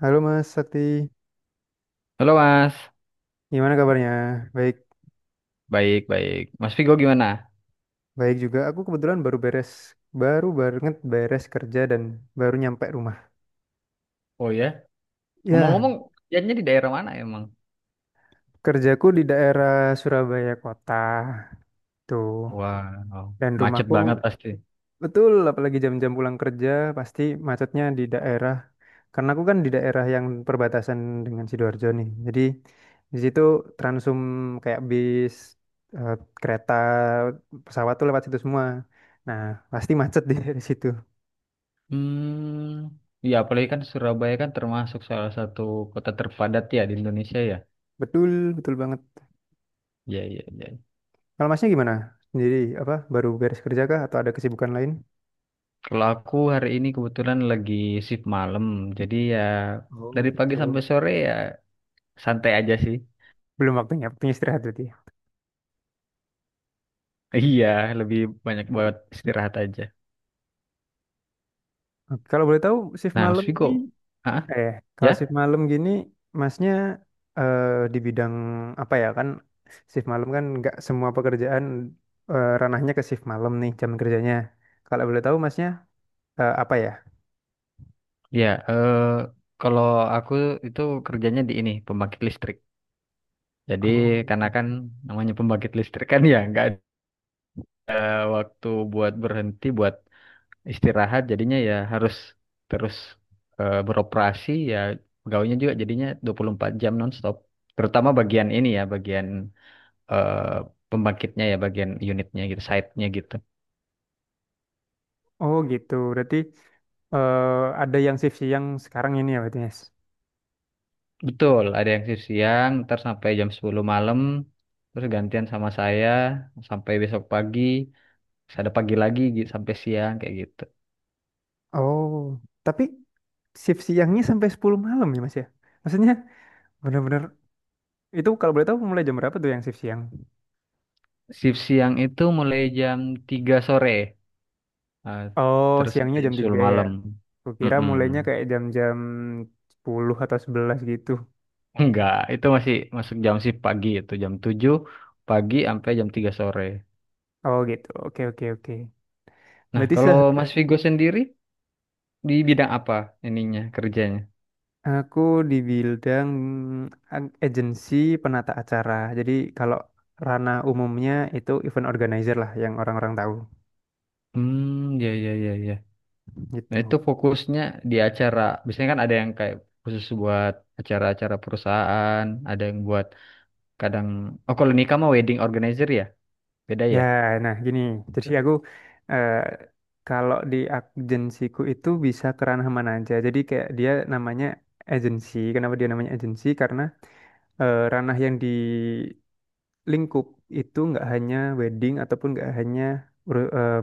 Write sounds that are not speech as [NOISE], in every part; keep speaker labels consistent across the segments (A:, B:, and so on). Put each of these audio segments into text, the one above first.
A: Halo Mas Sakti,
B: Halo Mas,
A: gimana kabarnya? Baik,
B: baik baik. Mas Vigo gimana?
A: baik juga. Aku kebetulan baru banget beres kerja dan baru nyampe rumah.
B: Oh ya.
A: Ya,
B: Ngomong-ngomong, jalannya di daerah mana emang?
A: kerjaku di daerah Surabaya kota tuh,
B: Wow,
A: dan
B: macet
A: rumahku.
B: banget pasti.
A: Betul, apalagi jam-jam pulang kerja pasti macetnya di daerah. Karena aku kan di daerah yang perbatasan dengan Sidoarjo nih. Jadi di situ transum kayak bis, eh, kereta, pesawat tuh lewat situ semua. Nah, pasti macet [LAUGHS] di situ.
B: Hmm, ya apalagi kan Surabaya kan termasuk salah satu kota terpadat ya di Indonesia ya.
A: Betul, betul banget.
B: Ya ya ya.
A: Kalau masnya gimana? Sendiri apa baru beres kerja kah atau ada kesibukan lain?
B: Kalau aku hari ini kebetulan lagi shift malam, jadi ya
A: Oh
B: dari pagi sampai
A: gitu.
B: sore ya santai aja sih.
A: Belum waktunya istirahat berarti, ya?
B: Iya, lebih banyak buat istirahat aja.
A: Oke, kalau boleh tahu shift
B: Nah, Mas
A: malam ini,
B: Vigo, ah,
A: eh kalau shift
B: ya?
A: malam gini masnya, eh, di bidang apa ya, kan shift malam kan nggak semua pekerjaan, ranahnya ke shift malam nih jam kerjanya. Kalau boleh tahu masnya, apa ya?
B: Ya, kalau aku itu kerjanya di ini, pembangkit listrik. Jadi
A: Oh
B: karena kan
A: gitu.
B: namanya pembangkit listrik kan ya nggak ada waktu buat berhenti, buat istirahat, jadinya ya harus terus beroperasi ya pegawainya juga jadinya 24 jam nonstop. Terutama bagian ini ya, bagian eh, pembangkitnya ya, bagian unitnya gitu, site-nya gitu.
A: Oh gitu, berarti, eh, ada yang shift siang sekarang ini ya berarti, Mas?
B: Betul, ada yang shift siang, ntar sampai jam 10 malam, terus gantian sama saya sampai besok pagi. Ada pagi lagi sampai siang kayak gitu.
A: Oh, tapi shift siangnya sampai 10 malam ya Mas ya? Maksudnya bener-bener itu, kalau boleh tahu mulai jam berapa tuh yang shift siang?
B: Shift siang itu mulai jam 3 sore. Nah,
A: Oh,
B: terus
A: siangnya
B: sampai jam
A: jam
B: 10
A: 3 ya.
B: malam.
A: Kukira
B: Mm-mm.
A: mulainya kayak jam-jam 10 atau 11 gitu.
B: [LAUGHS] Enggak, itu masih masuk jam shift pagi itu jam 7 pagi sampai jam 3 sore.
A: Oh, gitu. Oke, oke, oke.
B: Nah,
A: Berarti
B: kalau Mas Vigo sendiri di bidang apa ininya kerjanya?
A: aku di bidang agensi penata acara. Jadi kalau ranah umumnya itu event organizer lah yang orang-orang tahu
B: Hmm, ya ya ya ya. Nah,
A: gitu.
B: itu fokusnya di acara. Biasanya kan ada yang kayak khusus buat acara-acara perusahaan, ada yang buat kadang, oh, kalau nikah mah wedding organizer ya. Beda
A: Ya,
B: ya?
A: nah gini. Jadi aku, eh, kalau di agensiku itu bisa ke mana aja. Jadi kayak dia namanya agensi. Kenapa dia namanya agensi? Karena, ranah yang di lingkup itu nggak hanya wedding ataupun nggak hanya ur- eh,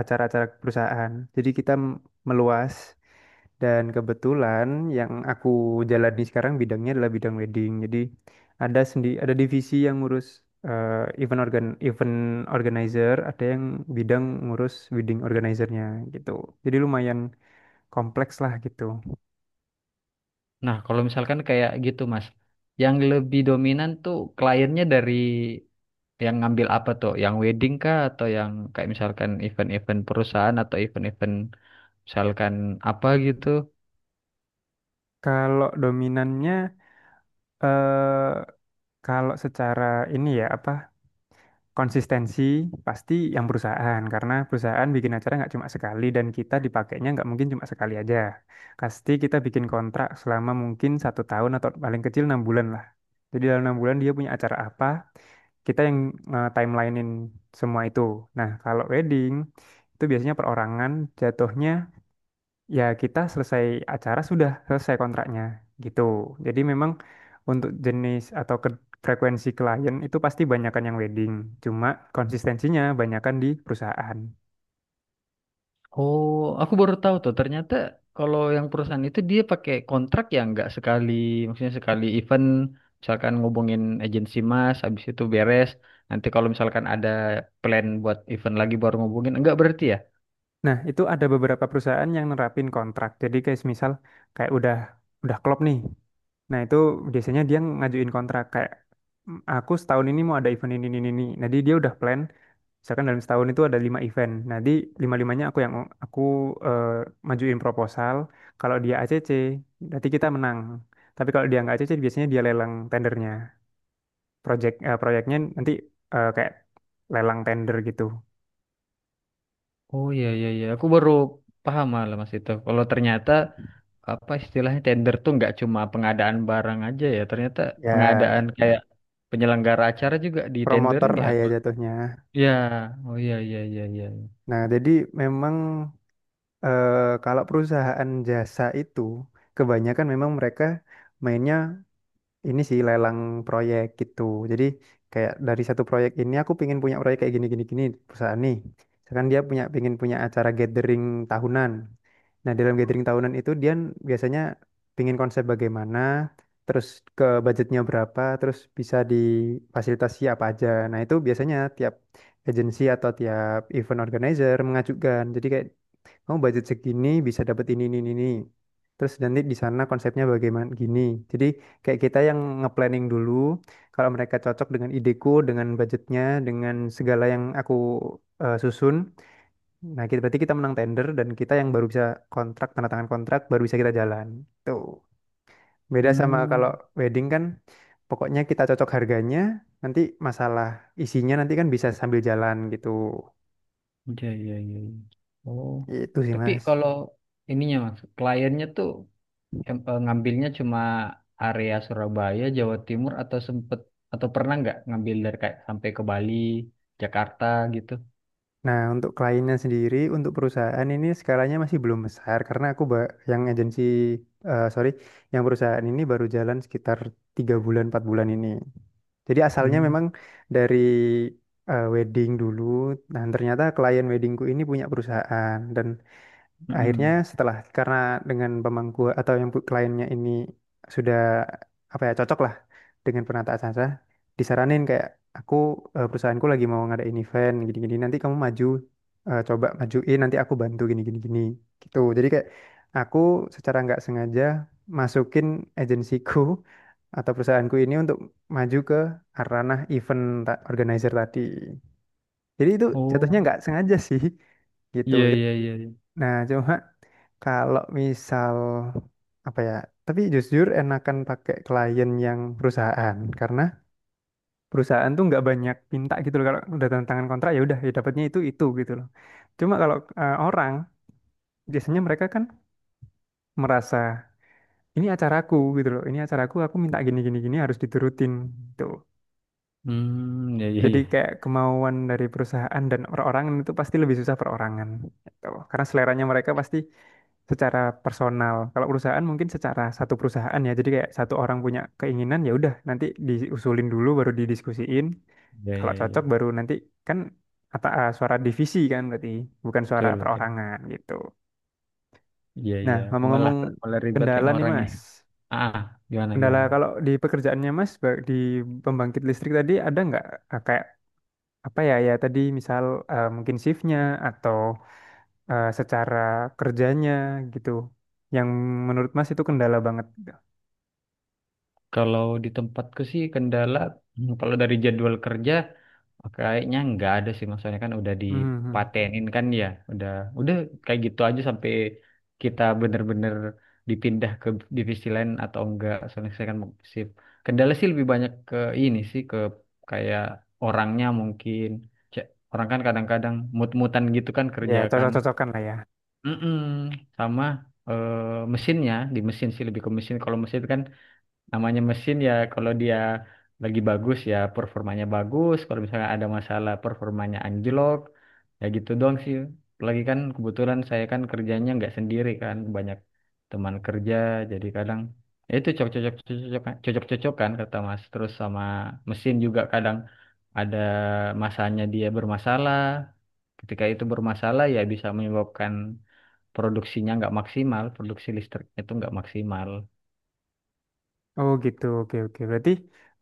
A: acara-acara perusahaan. Jadi kita meluas. Dan kebetulan yang aku jalani sekarang bidangnya adalah bidang wedding. Jadi ada divisi yang ngurus, event organizer, ada yang bidang ngurus wedding organizernya gitu. Jadi lumayan kompleks lah gitu.
B: Nah, kalau misalkan kayak gitu, Mas, yang lebih dominan tuh kliennya dari yang ngambil apa tuh? Yang wedding kah atau yang kayak misalkan event-event perusahaan atau event-event misalkan apa gitu?
A: Kalau dominannya, eh kalau secara ini ya, apa, konsistensi, pasti yang perusahaan karena perusahaan bikin acara nggak cuma sekali dan kita dipakainya nggak mungkin cuma sekali aja. Pasti kita bikin kontrak selama mungkin 1 tahun atau paling kecil 6 bulan lah. Jadi dalam 6 bulan dia punya acara apa, kita yang timelinein semua itu. Nah, kalau wedding itu biasanya perorangan jatuhnya, ya kita selesai acara sudah selesai kontraknya gitu. Jadi memang untuk jenis atau frekuensi klien itu pasti banyakan yang wedding. Cuma konsistensinya banyakan di perusahaan.
B: Oh, aku baru tahu tuh. Ternyata kalau yang perusahaan itu dia pakai kontrak yang nggak sekali, maksudnya sekali event, misalkan ngubungin agensi Mas, habis itu beres. Nanti kalau misalkan ada plan buat event lagi baru ngubungin, enggak berarti ya?
A: Nah, itu ada beberapa perusahaan yang nerapin kontrak. Jadi kayak misal, kayak udah klop nih. Nah, itu biasanya dia ngajuin kontrak kayak, "Mm, aku setahun ini mau ada event ini ini, ini." Nah, jadi dia udah plan misalkan dalam setahun itu ada lima event. Nanti lima-limanya aku yang aku, eh, majuin proposal. Kalau dia ACC, nanti kita menang. Tapi kalau dia nggak ACC, biasanya dia lelang tendernya. Proyeknya nanti, kayak lelang tender gitu.
B: Oh iya iya iya, aku baru paham malah mas itu. Kalau ternyata apa istilahnya tender tuh nggak cuma pengadaan barang aja ya, ternyata
A: Ya,
B: pengadaan kayak penyelenggara acara juga
A: promotor
B: ditenderin ya.
A: lah ya jatuhnya.
B: Ya, oh iya iya iya iya. Iya.
A: Nah, jadi memang, eh, kalau perusahaan jasa itu kebanyakan memang mereka mainnya ini sih lelang proyek gitu. Jadi kayak dari satu proyek ini aku pingin punya proyek kayak gini gini gini perusahaan nih. Misalkan dia pingin punya acara gathering tahunan. Nah, dalam gathering tahunan itu dia biasanya pingin konsep bagaimana, terus ke budgetnya berapa, terus bisa difasilitasi apa aja. Nah, itu biasanya tiap agensi atau tiap event organizer mengajukan. Jadi kayak, "Kamu budget segini bisa dapat ini ini, ini." Terus nanti di sana konsepnya bagaimana gini. Jadi kayak kita yang nge-planning dulu, kalau mereka cocok dengan ideku, dengan budgetnya, dengan segala yang aku, susun. Nah, kita berarti kita menang tender dan kita yang baru bisa kontrak, tanda tangan kontrak, baru bisa kita jalan. Tuh. Beda sama
B: Hmm,
A: kalau wedding kan, pokoknya kita cocok harganya, nanti masalah isinya nanti kan bisa sambil jalan gitu.
B: iya iya iya. Iya. Oh,
A: Itu sih,
B: tapi
A: Mas.
B: kalau ininya mas, kliennya tuh ngambilnya cuma area Surabaya, Jawa Timur atau sempet atau pernah nggak ngambil dari kayak sampai ke Bali, Jakarta gitu?
A: Nah, untuk kliennya sendiri, untuk perusahaan ini skalanya masih belum besar karena aku yang agensi, eh sorry, yang perusahaan ini baru jalan sekitar 3 bulan, 4 bulan ini. Jadi asalnya
B: Hmm.
A: memang dari, wedding dulu. Nah, ternyata klien weddingku ini punya perusahaan dan akhirnya,
B: Mm-mm.
A: setelah, karena dengan pemangku atau yang kliennya ini sudah, apa ya, cocok lah dengan penataan acara, disaranin kayak, "Aku, perusahaanku lagi mau ngadain event gini-gini, nanti kamu maju, coba majuin, nanti aku bantu gini-gini gini gitu." Jadi kayak aku secara nggak sengaja masukin agensiku [LAUGHS] atau perusahaanku ini untuk maju ke ranah event, organizer tadi. Jadi itu jatuhnya
B: Oh,
A: nggak sengaja sih [LAUGHS] gitu.
B: iya iya iya. Iya.
A: Nah, cuma kalau misal, apa ya, tapi jujur enakan pakai klien yang perusahaan karena perusahaan tuh nggak banyak minta gitu loh. Kalau udah tanda tangan kontrak ya udah, ya dapatnya itu gitu loh. Cuma kalau, orang biasanya mereka kan merasa ini acaraku gitu loh, ini acaraku, aku minta gini gini gini harus diturutin gitu.
B: Hmm, iya iya
A: Jadi
B: iya.
A: kayak kemauan dari perusahaan dan perorangan itu pasti lebih susah perorangan. Gitu. Karena seleranya mereka pasti secara personal. Kalau perusahaan mungkin secara satu perusahaan ya. Jadi kayak satu orang punya keinginan ya udah, nanti diusulin dulu baru didiskusiin.
B: Iya
A: Kalau
B: iya iya.
A: cocok baru nanti kan kata, suara divisi kan berarti bukan suara
B: Betul betul.
A: perorangan gitu.
B: Iya
A: Nah,
B: iya. Malah
A: ngomong-ngomong
B: malah ribet
A: kendala
B: yang
A: nih,
B: orang ya.
A: Mas.
B: Ah, gimana
A: Kendala
B: gimana?
A: kalau di pekerjaannya Mas, di pembangkit listrik tadi ada nggak, kayak apa ya, ya tadi misal, mungkin shiftnya atau, secara kerjanya gitu yang menurut Mas itu kendala banget gitu.
B: Kalau di tempatku sih kendala, kalau dari jadwal kerja kayaknya nggak ada sih, maksudnya kan udah
A: Hmm, hmm.
B: dipatenin kan ya, udah udah kayak gitu aja sampai kita bener-bener dipindah ke divisi lain atau enggak. Soalnya saya kan mau shift. Kendala sih lebih banyak ke ini sih, ke kayak orangnya mungkin. Cek, orang kan kadang-kadang mut-mutan gitu kan
A: Ya
B: kerja kan.
A: cocok-cocokan lah ya.
B: Mm-mm. Sama eh, mesinnya, di mesin sih lebih ke mesin. Kalau mesin itu kan namanya mesin ya, kalau dia lagi bagus ya performanya bagus, kalau misalnya ada masalah performanya anjlok. Ya gitu doang sih, lagi kan kebetulan saya kan kerjanya nggak sendiri kan, banyak teman kerja, jadi kadang ya itu cocok-cocokan kata Mas, terus sama mesin juga kadang ada masanya dia bermasalah, ketika itu bermasalah ya bisa menyebabkan produksinya nggak maksimal, produksi listriknya itu nggak maksimal.
A: Oh gitu, oke, oke. Berarti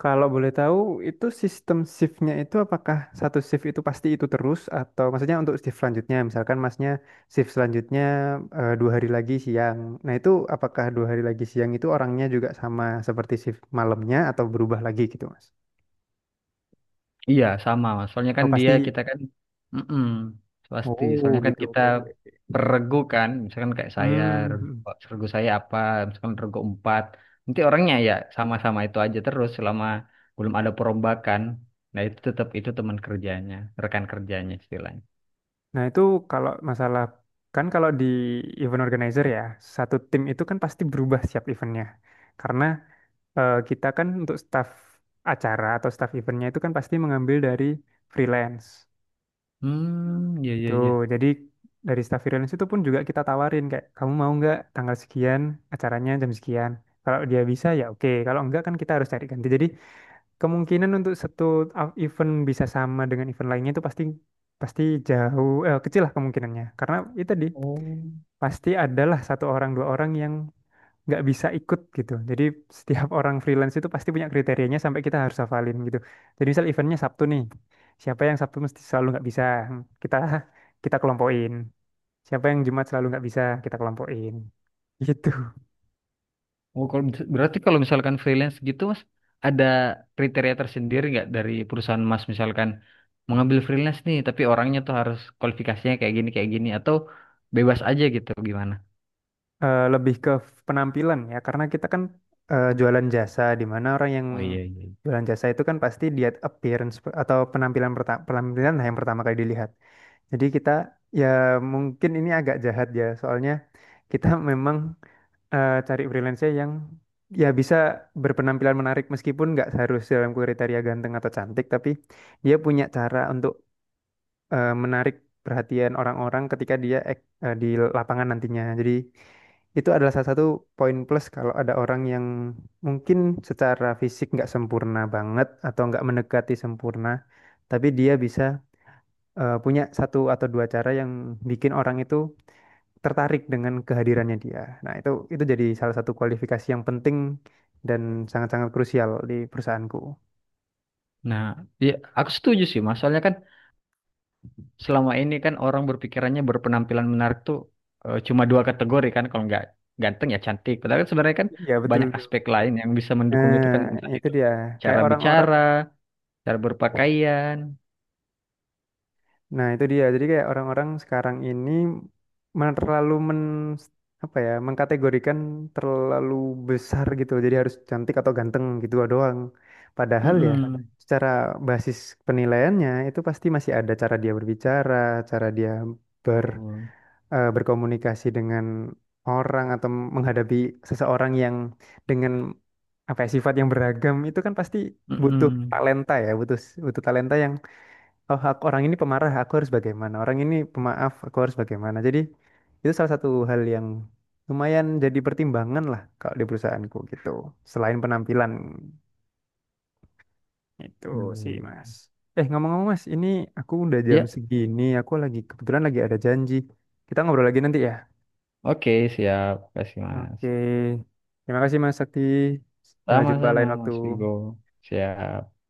A: kalau boleh tahu, itu sistem shiftnya itu apakah satu shift itu pasti itu terus, atau maksudnya untuk shift selanjutnya misalkan Masnya shift selanjutnya, 2 hari lagi siang, nah itu apakah 2 hari lagi siang itu orangnya juga sama seperti shift malamnya atau berubah lagi gitu, Mas?
B: Iya, sama Mas. Soalnya
A: Oh
B: kan dia
A: pasti.
B: kita kan mm pasti.
A: Oh
B: Soalnya kan
A: gitu,
B: kita
A: oke oke.
B: peregu kan, misalkan kayak saya
A: Hmm,
B: regu,
A: hmm.
B: regu saya apa, misalkan regu empat. Nanti orangnya ya sama-sama itu aja terus selama belum ada perombakan. Nah, itu tetap itu teman kerjanya, rekan kerjanya istilahnya.
A: Nah itu kalau masalah, kan kalau di event organizer ya satu tim itu kan pasti berubah setiap eventnya karena, kita kan untuk staff acara atau staff eventnya itu kan pasti mengambil dari freelance
B: Hmm, iya iya
A: itu.
B: iya.
A: Jadi dari staff freelance itu pun juga kita tawarin kayak, "Kamu mau nggak tanggal sekian acaranya jam sekian?" Kalau dia bisa ya oke, kalau enggak kan kita harus cari ganti. Jadi kemungkinan untuk satu event bisa sama dengan event lainnya itu pasti pasti jauh, eh, kecil lah kemungkinannya karena itu tadi,
B: Oh.
A: pasti adalah satu orang dua orang yang nggak bisa ikut gitu. Jadi setiap [LAUGHS] orang freelance itu pasti punya kriterianya sampai kita harus hafalin gitu. Jadi misal eventnya Sabtu nih, siapa yang Sabtu mesti selalu nggak bisa, kita kita kelompokin. Siapa yang Jumat selalu nggak bisa kita kelompokin [LAUGHS] gitu.
B: Oh, kalau berarti kalau misalkan freelance gitu, Mas, ada kriteria tersendiri nggak dari perusahaan Mas, misalkan mengambil freelance nih, tapi orangnya tuh harus kualifikasinya kayak gini atau bebas aja gitu gimana?
A: Lebih ke penampilan ya karena kita kan, jualan jasa di mana orang yang
B: Oh iya iya.
A: jualan jasa itu kan pasti dia appearance, atau penampilan, penampilan lah yang pertama kali dilihat. Jadi kita ya, mungkin ini agak jahat ya soalnya kita [LAUGHS] memang, cari freelancer yang ya bisa berpenampilan menarik meskipun nggak harus dalam kriteria ganteng atau cantik, tapi dia punya cara untuk, menarik perhatian orang-orang ketika dia, di lapangan nantinya. Jadi itu adalah salah satu poin plus kalau ada orang yang mungkin secara fisik nggak sempurna banget atau nggak mendekati sempurna, tapi dia bisa, punya satu atau dua cara yang bikin orang itu tertarik dengan kehadirannya dia. Nah, itu jadi salah satu kualifikasi yang penting dan sangat-sangat krusial di perusahaanku.
B: Nah, ya aku setuju sih, Mas. Soalnya kan selama ini kan orang berpikirannya berpenampilan menarik tuh cuma dua kategori kan, kalau nggak ganteng ya cantik. Padahal kan sebenarnya kan
A: Iya, betul
B: banyak
A: tuh.
B: aspek lain yang bisa mendukung
A: Nah,
B: itu kan, entah
A: itu
B: itu
A: dia. Kayak
B: cara
A: orang-orang
B: bicara, cara berpakaian.
A: Nah, itu dia. Jadi kayak orang-orang sekarang ini terlalu men, apa ya, mengkategorikan terlalu besar gitu. Jadi harus cantik atau ganteng gitu doang. Padahal ya
B: Mm-mm.
A: secara basis penilaiannya itu pasti masih ada cara dia berbicara, cara dia, ber
B: Betul.
A: berkomunikasi dengan orang atau menghadapi seseorang yang dengan, apa ya, sifat yang beragam itu kan pasti butuh
B: Mm-mm.
A: talenta ya, butuh butuh talenta yang, "Oh aku, orang ini pemarah aku harus bagaimana, orang ini pemaaf aku harus bagaimana." Jadi itu salah satu hal yang lumayan jadi pertimbangan lah kalau di perusahaanku gitu, selain penampilan itu sih
B: Hmm.
A: Mas. Ngomong-ngomong Mas ini, aku udah jam
B: Ya,
A: segini, aku lagi kebetulan lagi ada janji. Kita ngobrol lagi nanti ya.
B: oke, siap. Kasih, Mas.
A: Oke, terima kasih Mas Sakti. Jumpa
B: Sama-sama,
A: lain waktu.
B: Mas Vigo. Siap.